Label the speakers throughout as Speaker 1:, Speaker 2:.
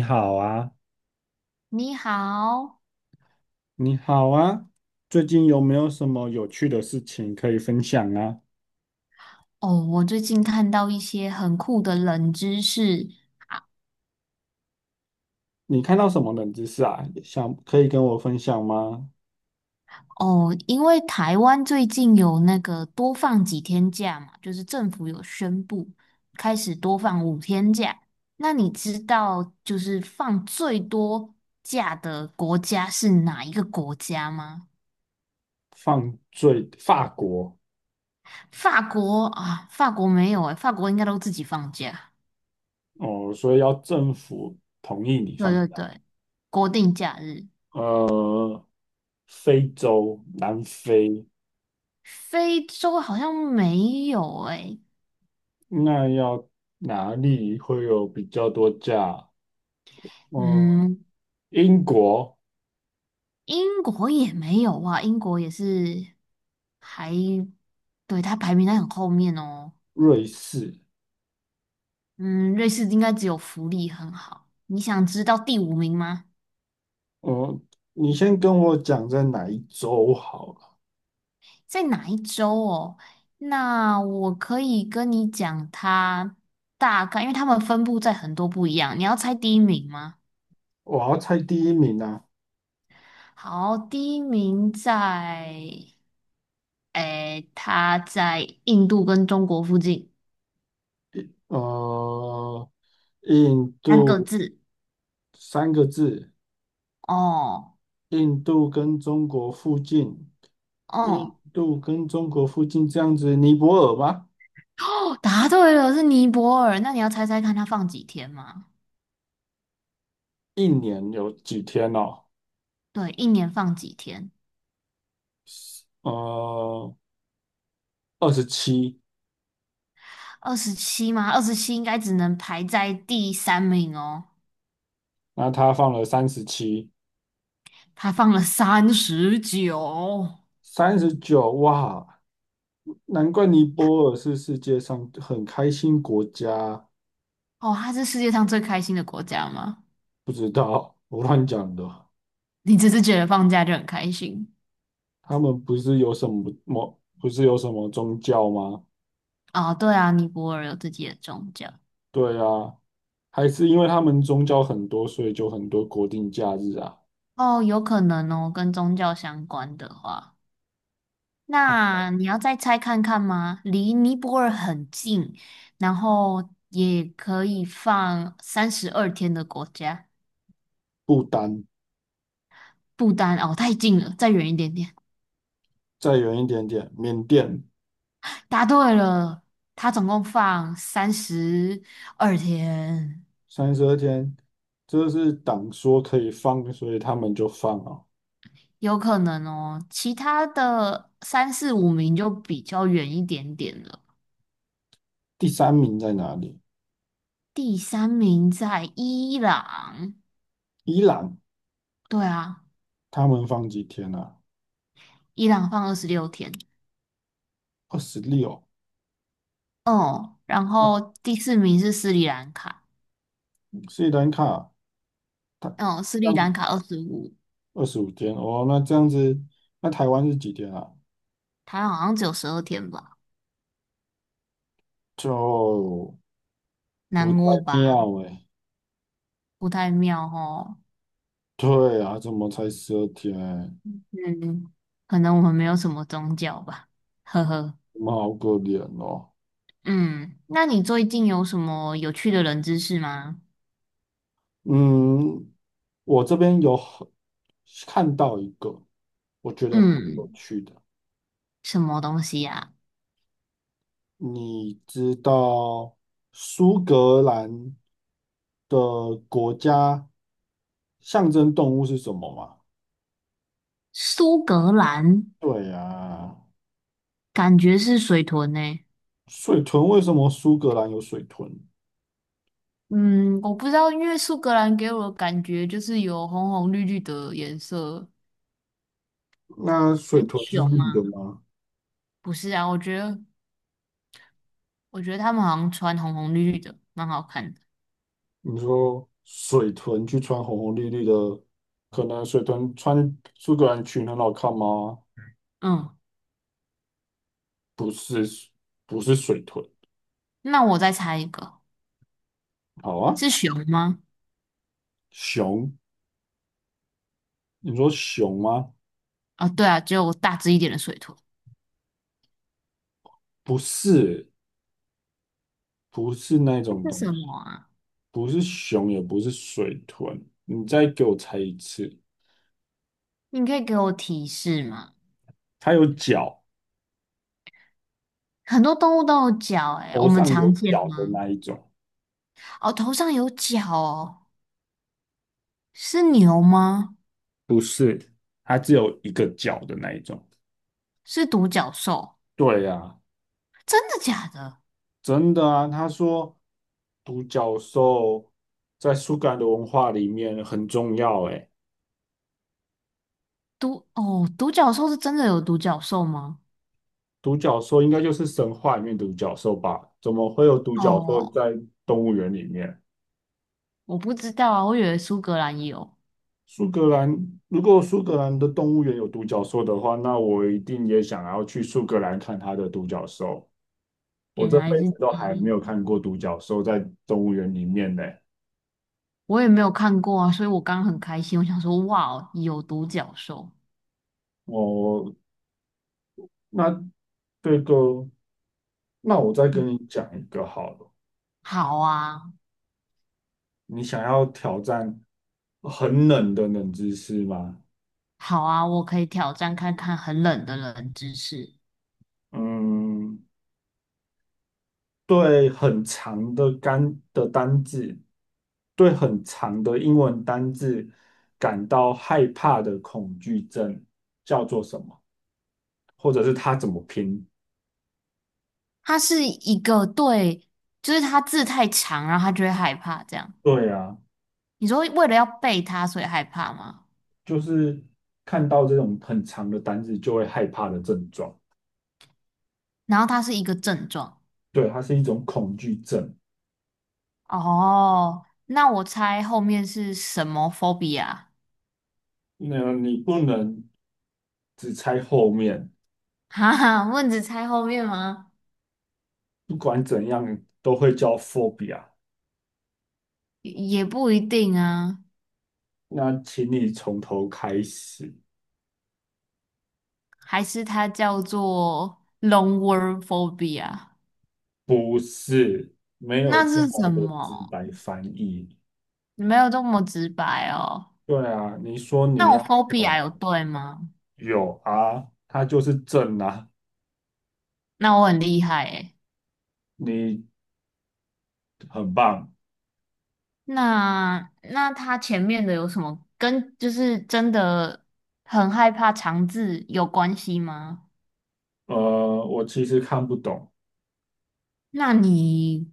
Speaker 1: 你好啊，
Speaker 2: 你好，
Speaker 1: 你好啊，最近有没有什么有趣的事情可以分享啊？
Speaker 2: 哦，我最近看到一些很酷的冷知识
Speaker 1: 你看到什么冷知识啊？想可以跟我分享吗？
Speaker 2: 哦，因为台湾最近有那个多放几天假嘛，就是政府有宣布开始多放5天假。那你知道就是放最多假的国家是哪一个国家吗？
Speaker 1: 犯罪，法国。
Speaker 2: 法国啊，法国没有诶，法国应该都自己放假。
Speaker 1: 哦，所以要政府同意你
Speaker 2: 对
Speaker 1: 放
Speaker 2: 对
Speaker 1: 假。
Speaker 2: 对，国定假日。
Speaker 1: 呃，非洲，南非，
Speaker 2: 非洲好像没有诶。
Speaker 1: 那要哪里会有比较多假？呃，
Speaker 2: 嗯，
Speaker 1: 英国、
Speaker 2: 英国也没有啊，英国也是还，对，它排名在很后面哦。
Speaker 1: 瑞士，
Speaker 2: 嗯，瑞士应该只有福利很好。你想知道第5名吗？
Speaker 1: 呃，你先跟我讲在哪一周好。
Speaker 2: 在哪一州哦？那我可以跟你讲它大概，因为它们分布在很多不一样。你要猜第一名吗？
Speaker 1: 我要猜第一名啊，
Speaker 2: 好，第一名在，诶，它在印度跟中国附近，
Speaker 1: 呃，印
Speaker 2: 三个
Speaker 1: 度
Speaker 2: 字
Speaker 1: 三个字，
Speaker 2: 哦，
Speaker 1: 印度跟中国附近，印
Speaker 2: 哦。
Speaker 1: 度跟中国附近这样子，尼泊尔吗？
Speaker 2: 答对了，是尼泊尔。那你要猜猜看，它放几天吗？
Speaker 1: 一年有几天哦？
Speaker 2: 对，一年放几天？
Speaker 1: 呃，27，
Speaker 2: 二十七吗？二十七应该只能排在第三名哦。
Speaker 1: 那他放了37，
Speaker 2: 它放了39
Speaker 1: 39，哇，难怪尼泊尔是世界上很开心国家，
Speaker 2: 哦，它是世界上最开心的国家吗？
Speaker 1: 不知道，我乱讲的，
Speaker 2: 你只是觉得放假就很开心
Speaker 1: 他们不是有什么某，不是有什么宗教吗？
Speaker 2: 哦？对啊，尼泊尔有自己的宗教
Speaker 1: 对啊，还是因为他们宗教很多，所以就很多国定假日啊。
Speaker 2: 哦，有可能哦，跟宗教相关的话。
Speaker 1: 好，
Speaker 2: 那你要再猜看看吗？离尼泊尔很近，然后也可以放三十二天的国家，
Speaker 1: 不丹
Speaker 2: 不丹哦，太近了，再远一点点。
Speaker 1: 再远一点点，缅甸
Speaker 2: 答对了，它总共放三十二天，
Speaker 1: 32天，这是党说可以放，所以他们就放啊。
Speaker 2: 有可能哦。其他的三四五名就比较远一点点了。
Speaker 1: 第三名在哪里？
Speaker 2: 第三名在伊朗，
Speaker 1: 伊朗，
Speaker 2: 对啊，
Speaker 1: 他们放几天啊？
Speaker 2: 伊朗放26天。
Speaker 1: 26。
Speaker 2: 哦，然后第4名是斯里兰卡，
Speaker 1: 斯里兰卡，他
Speaker 2: 哦，斯
Speaker 1: 这
Speaker 2: 里
Speaker 1: 样
Speaker 2: 兰卡25，
Speaker 1: 25天哦，那这样子，那台湾是几天啊？
Speaker 2: 它好像只有十二天吧，
Speaker 1: 就不
Speaker 2: 南
Speaker 1: 太
Speaker 2: 欧吧，
Speaker 1: 妙哎、
Speaker 2: 不太妙哦。
Speaker 1: 对啊，怎么才十二天？
Speaker 2: 嗯，可能我们没有什么宗教吧，呵呵。
Speaker 1: 们好可怜哦。
Speaker 2: 嗯，那你最近有什么有趣的冷知识吗？
Speaker 1: 嗯，我这边有很看到一个，我觉得很有
Speaker 2: 嗯，
Speaker 1: 趣的。
Speaker 2: 什么东西呀、
Speaker 1: 你知道苏格兰的国家象征动物是什么吗？
Speaker 2: 苏格兰
Speaker 1: 对呀，
Speaker 2: 感觉是水豚呢、
Speaker 1: 水豚。为什么苏格兰有水豚？
Speaker 2: 嗯，我不知道，因为苏格兰给我的感觉就是有红红绿绿的颜色，
Speaker 1: 那水
Speaker 2: 很
Speaker 1: 豚是
Speaker 2: 熊
Speaker 1: 绿的
Speaker 2: 啊。
Speaker 1: 吗？
Speaker 2: 不是啊，我觉得他们好像穿红红绿绿的，蛮好看的。
Speaker 1: 你说水豚去穿红红绿绿的，可能水豚穿苏格兰裙很好看吗？
Speaker 2: 嗯，
Speaker 1: 不是不是水豚，
Speaker 2: 那我再猜一个，
Speaker 1: 好啊，
Speaker 2: 是熊吗？
Speaker 1: 熊，你说熊吗？
Speaker 2: 啊、对啊，只有大只一点的水豚。
Speaker 1: 不是不是那
Speaker 2: 那
Speaker 1: 种
Speaker 2: 是
Speaker 1: 东
Speaker 2: 什
Speaker 1: 西，
Speaker 2: 么啊？
Speaker 1: 不是熊，也不是水豚。你再给我猜一次，
Speaker 2: 你可以给我提示吗？
Speaker 1: 它有脚，
Speaker 2: 很多动物都有角、欸，诶我
Speaker 1: 头
Speaker 2: 们
Speaker 1: 上
Speaker 2: 常
Speaker 1: 有
Speaker 2: 见
Speaker 1: 角的
Speaker 2: 吗？
Speaker 1: 那一种，
Speaker 2: 哦，头上有角哦，是牛吗？
Speaker 1: 不是，它只有一个角的那一种。
Speaker 2: 是独角兽？
Speaker 1: 对呀，
Speaker 2: 真的假的？
Speaker 1: 真的啊，他说独角兽在苏格兰的文化里面很重要，诶。
Speaker 2: 独哦，独角兽是真的有独角兽吗？
Speaker 1: 独角兽应该就是神话里面独角兽吧？怎么会有独角兽
Speaker 2: 哦，
Speaker 1: 在动物园里面？
Speaker 2: 我不知道啊，我以为苏格兰有，
Speaker 1: 苏格兰，如果苏格兰的动物园有独角兽的话，那我一定也想要去苏格兰看它的独角兽。我
Speaker 2: 原
Speaker 1: 这
Speaker 2: 来
Speaker 1: 辈
Speaker 2: 是
Speaker 1: 子都
Speaker 2: 这
Speaker 1: 还没有
Speaker 2: 样。
Speaker 1: 看过独角兽在动物园里面呢。
Speaker 2: 我也没有看过啊，所以我刚刚很开心，我想说，哇哦，有独角兽，
Speaker 1: 我那这个，那我再跟
Speaker 2: 嗯，
Speaker 1: 你讲一个好了。
Speaker 2: 好啊，
Speaker 1: 你想要挑战很冷的冷知识吗？
Speaker 2: 好啊，我可以挑战看看很冷的冷知识。
Speaker 1: 嗯，对很长的单的单字，对很长的英文单字感到害怕的恐惧症叫做什么？或者是它怎么拼？
Speaker 2: 它是一个对，就是它字太长，然后它就会害怕这样。
Speaker 1: 对啊，
Speaker 2: 你说为了要背它，所以害怕吗？
Speaker 1: 就是看到这种很长的单字就会害怕的症状。
Speaker 2: 然后它是一个症状。
Speaker 1: 对，它是一种恐惧症。
Speaker 2: 哦，那我猜后面是什么 phobia？
Speaker 1: 那你不能只猜后面，
Speaker 2: 哈哈，问只猜后面吗？
Speaker 1: 不管怎样都会叫 phobia。
Speaker 2: 也也不一定啊。
Speaker 1: 那请你从头开始。
Speaker 2: 还是它叫做 long word phobia？
Speaker 1: 不是，没有
Speaker 2: 那
Speaker 1: 这
Speaker 2: 是什
Speaker 1: 么的直
Speaker 2: 么？
Speaker 1: 白翻译。
Speaker 2: 你没有这么直白哦。
Speaker 1: 对啊，你说你
Speaker 2: 那我
Speaker 1: 要表
Speaker 2: phobia 有
Speaker 1: 达
Speaker 2: 对吗？
Speaker 1: 有啊，它就是正啊，
Speaker 2: 那我很厉害诶。
Speaker 1: 你很棒。
Speaker 2: 那它前面的有什么跟就是真的很害怕肠字有关系吗？
Speaker 1: 呃，我其实看不懂。
Speaker 2: 那你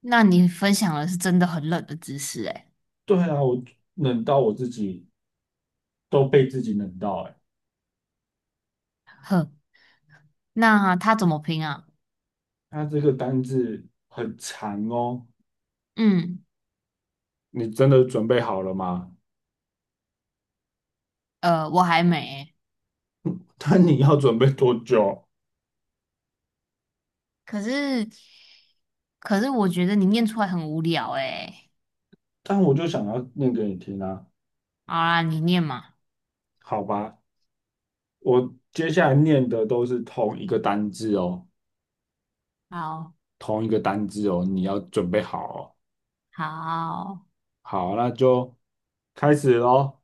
Speaker 2: 那你分享的是真的很冷的知识诶。
Speaker 1: 对啊，我冷到我自己都被自己冷到哎、欸。
Speaker 2: 哼，那它怎么拼啊？
Speaker 1: 它这个单字很长哦，
Speaker 2: 嗯，
Speaker 1: 你真的准备好了吗？
Speaker 2: 呃，我还没欸
Speaker 1: 但你要准备多久？
Speaker 2: 可是，可是我觉得你念出来很无聊诶、
Speaker 1: 但我就想要念给你听啊，
Speaker 2: 好啦，你念嘛。
Speaker 1: 好吧？我接下来念的都是同一个单字哦。
Speaker 2: 好
Speaker 1: 同一个单字哦，你要准备好哦。
Speaker 2: 好，
Speaker 1: 好，那就开始喽。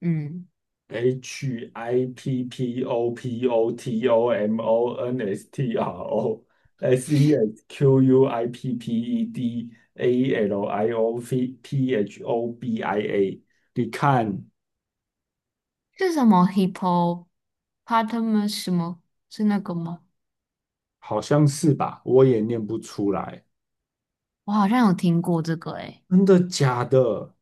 Speaker 2: 嗯，
Speaker 1: Hippopotomonstro sesquippedaliopphobia，你看，
Speaker 2: 是什么 h i p p o p a r t a e u s 什么？是那个吗？
Speaker 1: 好像是吧？我也念不出来，
Speaker 2: 我好像有听过这个诶、
Speaker 1: 真的假的？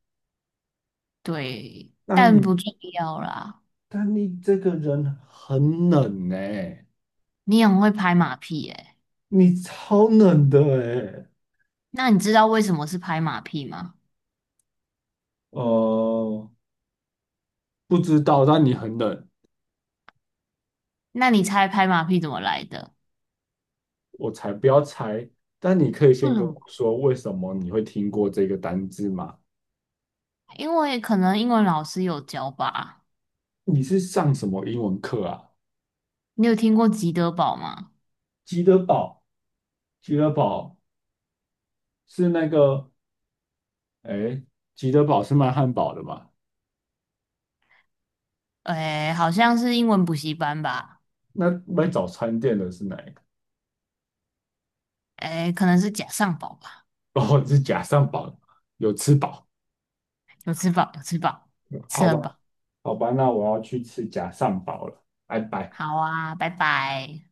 Speaker 2: 对，
Speaker 1: 那
Speaker 2: 但
Speaker 1: 你，
Speaker 2: 不重要啦。
Speaker 1: 那你这个人很冷呢、
Speaker 2: 你很会拍马屁诶、
Speaker 1: 你超冷的哎、
Speaker 2: 那你知道为什么是拍马屁吗？
Speaker 1: 呃，不知道，但你很冷，
Speaker 2: 那你猜拍马屁怎么来的？
Speaker 1: 我才不要猜。但你可以
Speaker 2: 为
Speaker 1: 先
Speaker 2: 什
Speaker 1: 跟
Speaker 2: 么？
Speaker 1: 我说，为什么你会听过这个单字吗？
Speaker 2: 因为可能英文老师有教吧。
Speaker 1: 你是上什么英文课啊？
Speaker 2: 你有听过吉德堡吗？
Speaker 1: 吉德堡，吉德堡是那个，哎，吉德堡是卖汉堡的吗？
Speaker 2: 哎，好像是英文补习班吧？
Speaker 1: 那卖早餐店的是哪一个？
Speaker 2: 哎，可能是假上饱吧？
Speaker 1: 哦，是假上堡，有吃饱，
Speaker 2: 有吃饱，有吃饱，吃
Speaker 1: 好
Speaker 2: 很
Speaker 1: 吧，
Speaker 2: 饱。
Speaker 1: 好吧，那我要去吃假上堡了，拜拜。
Speaker 2: 好啊，拜拜。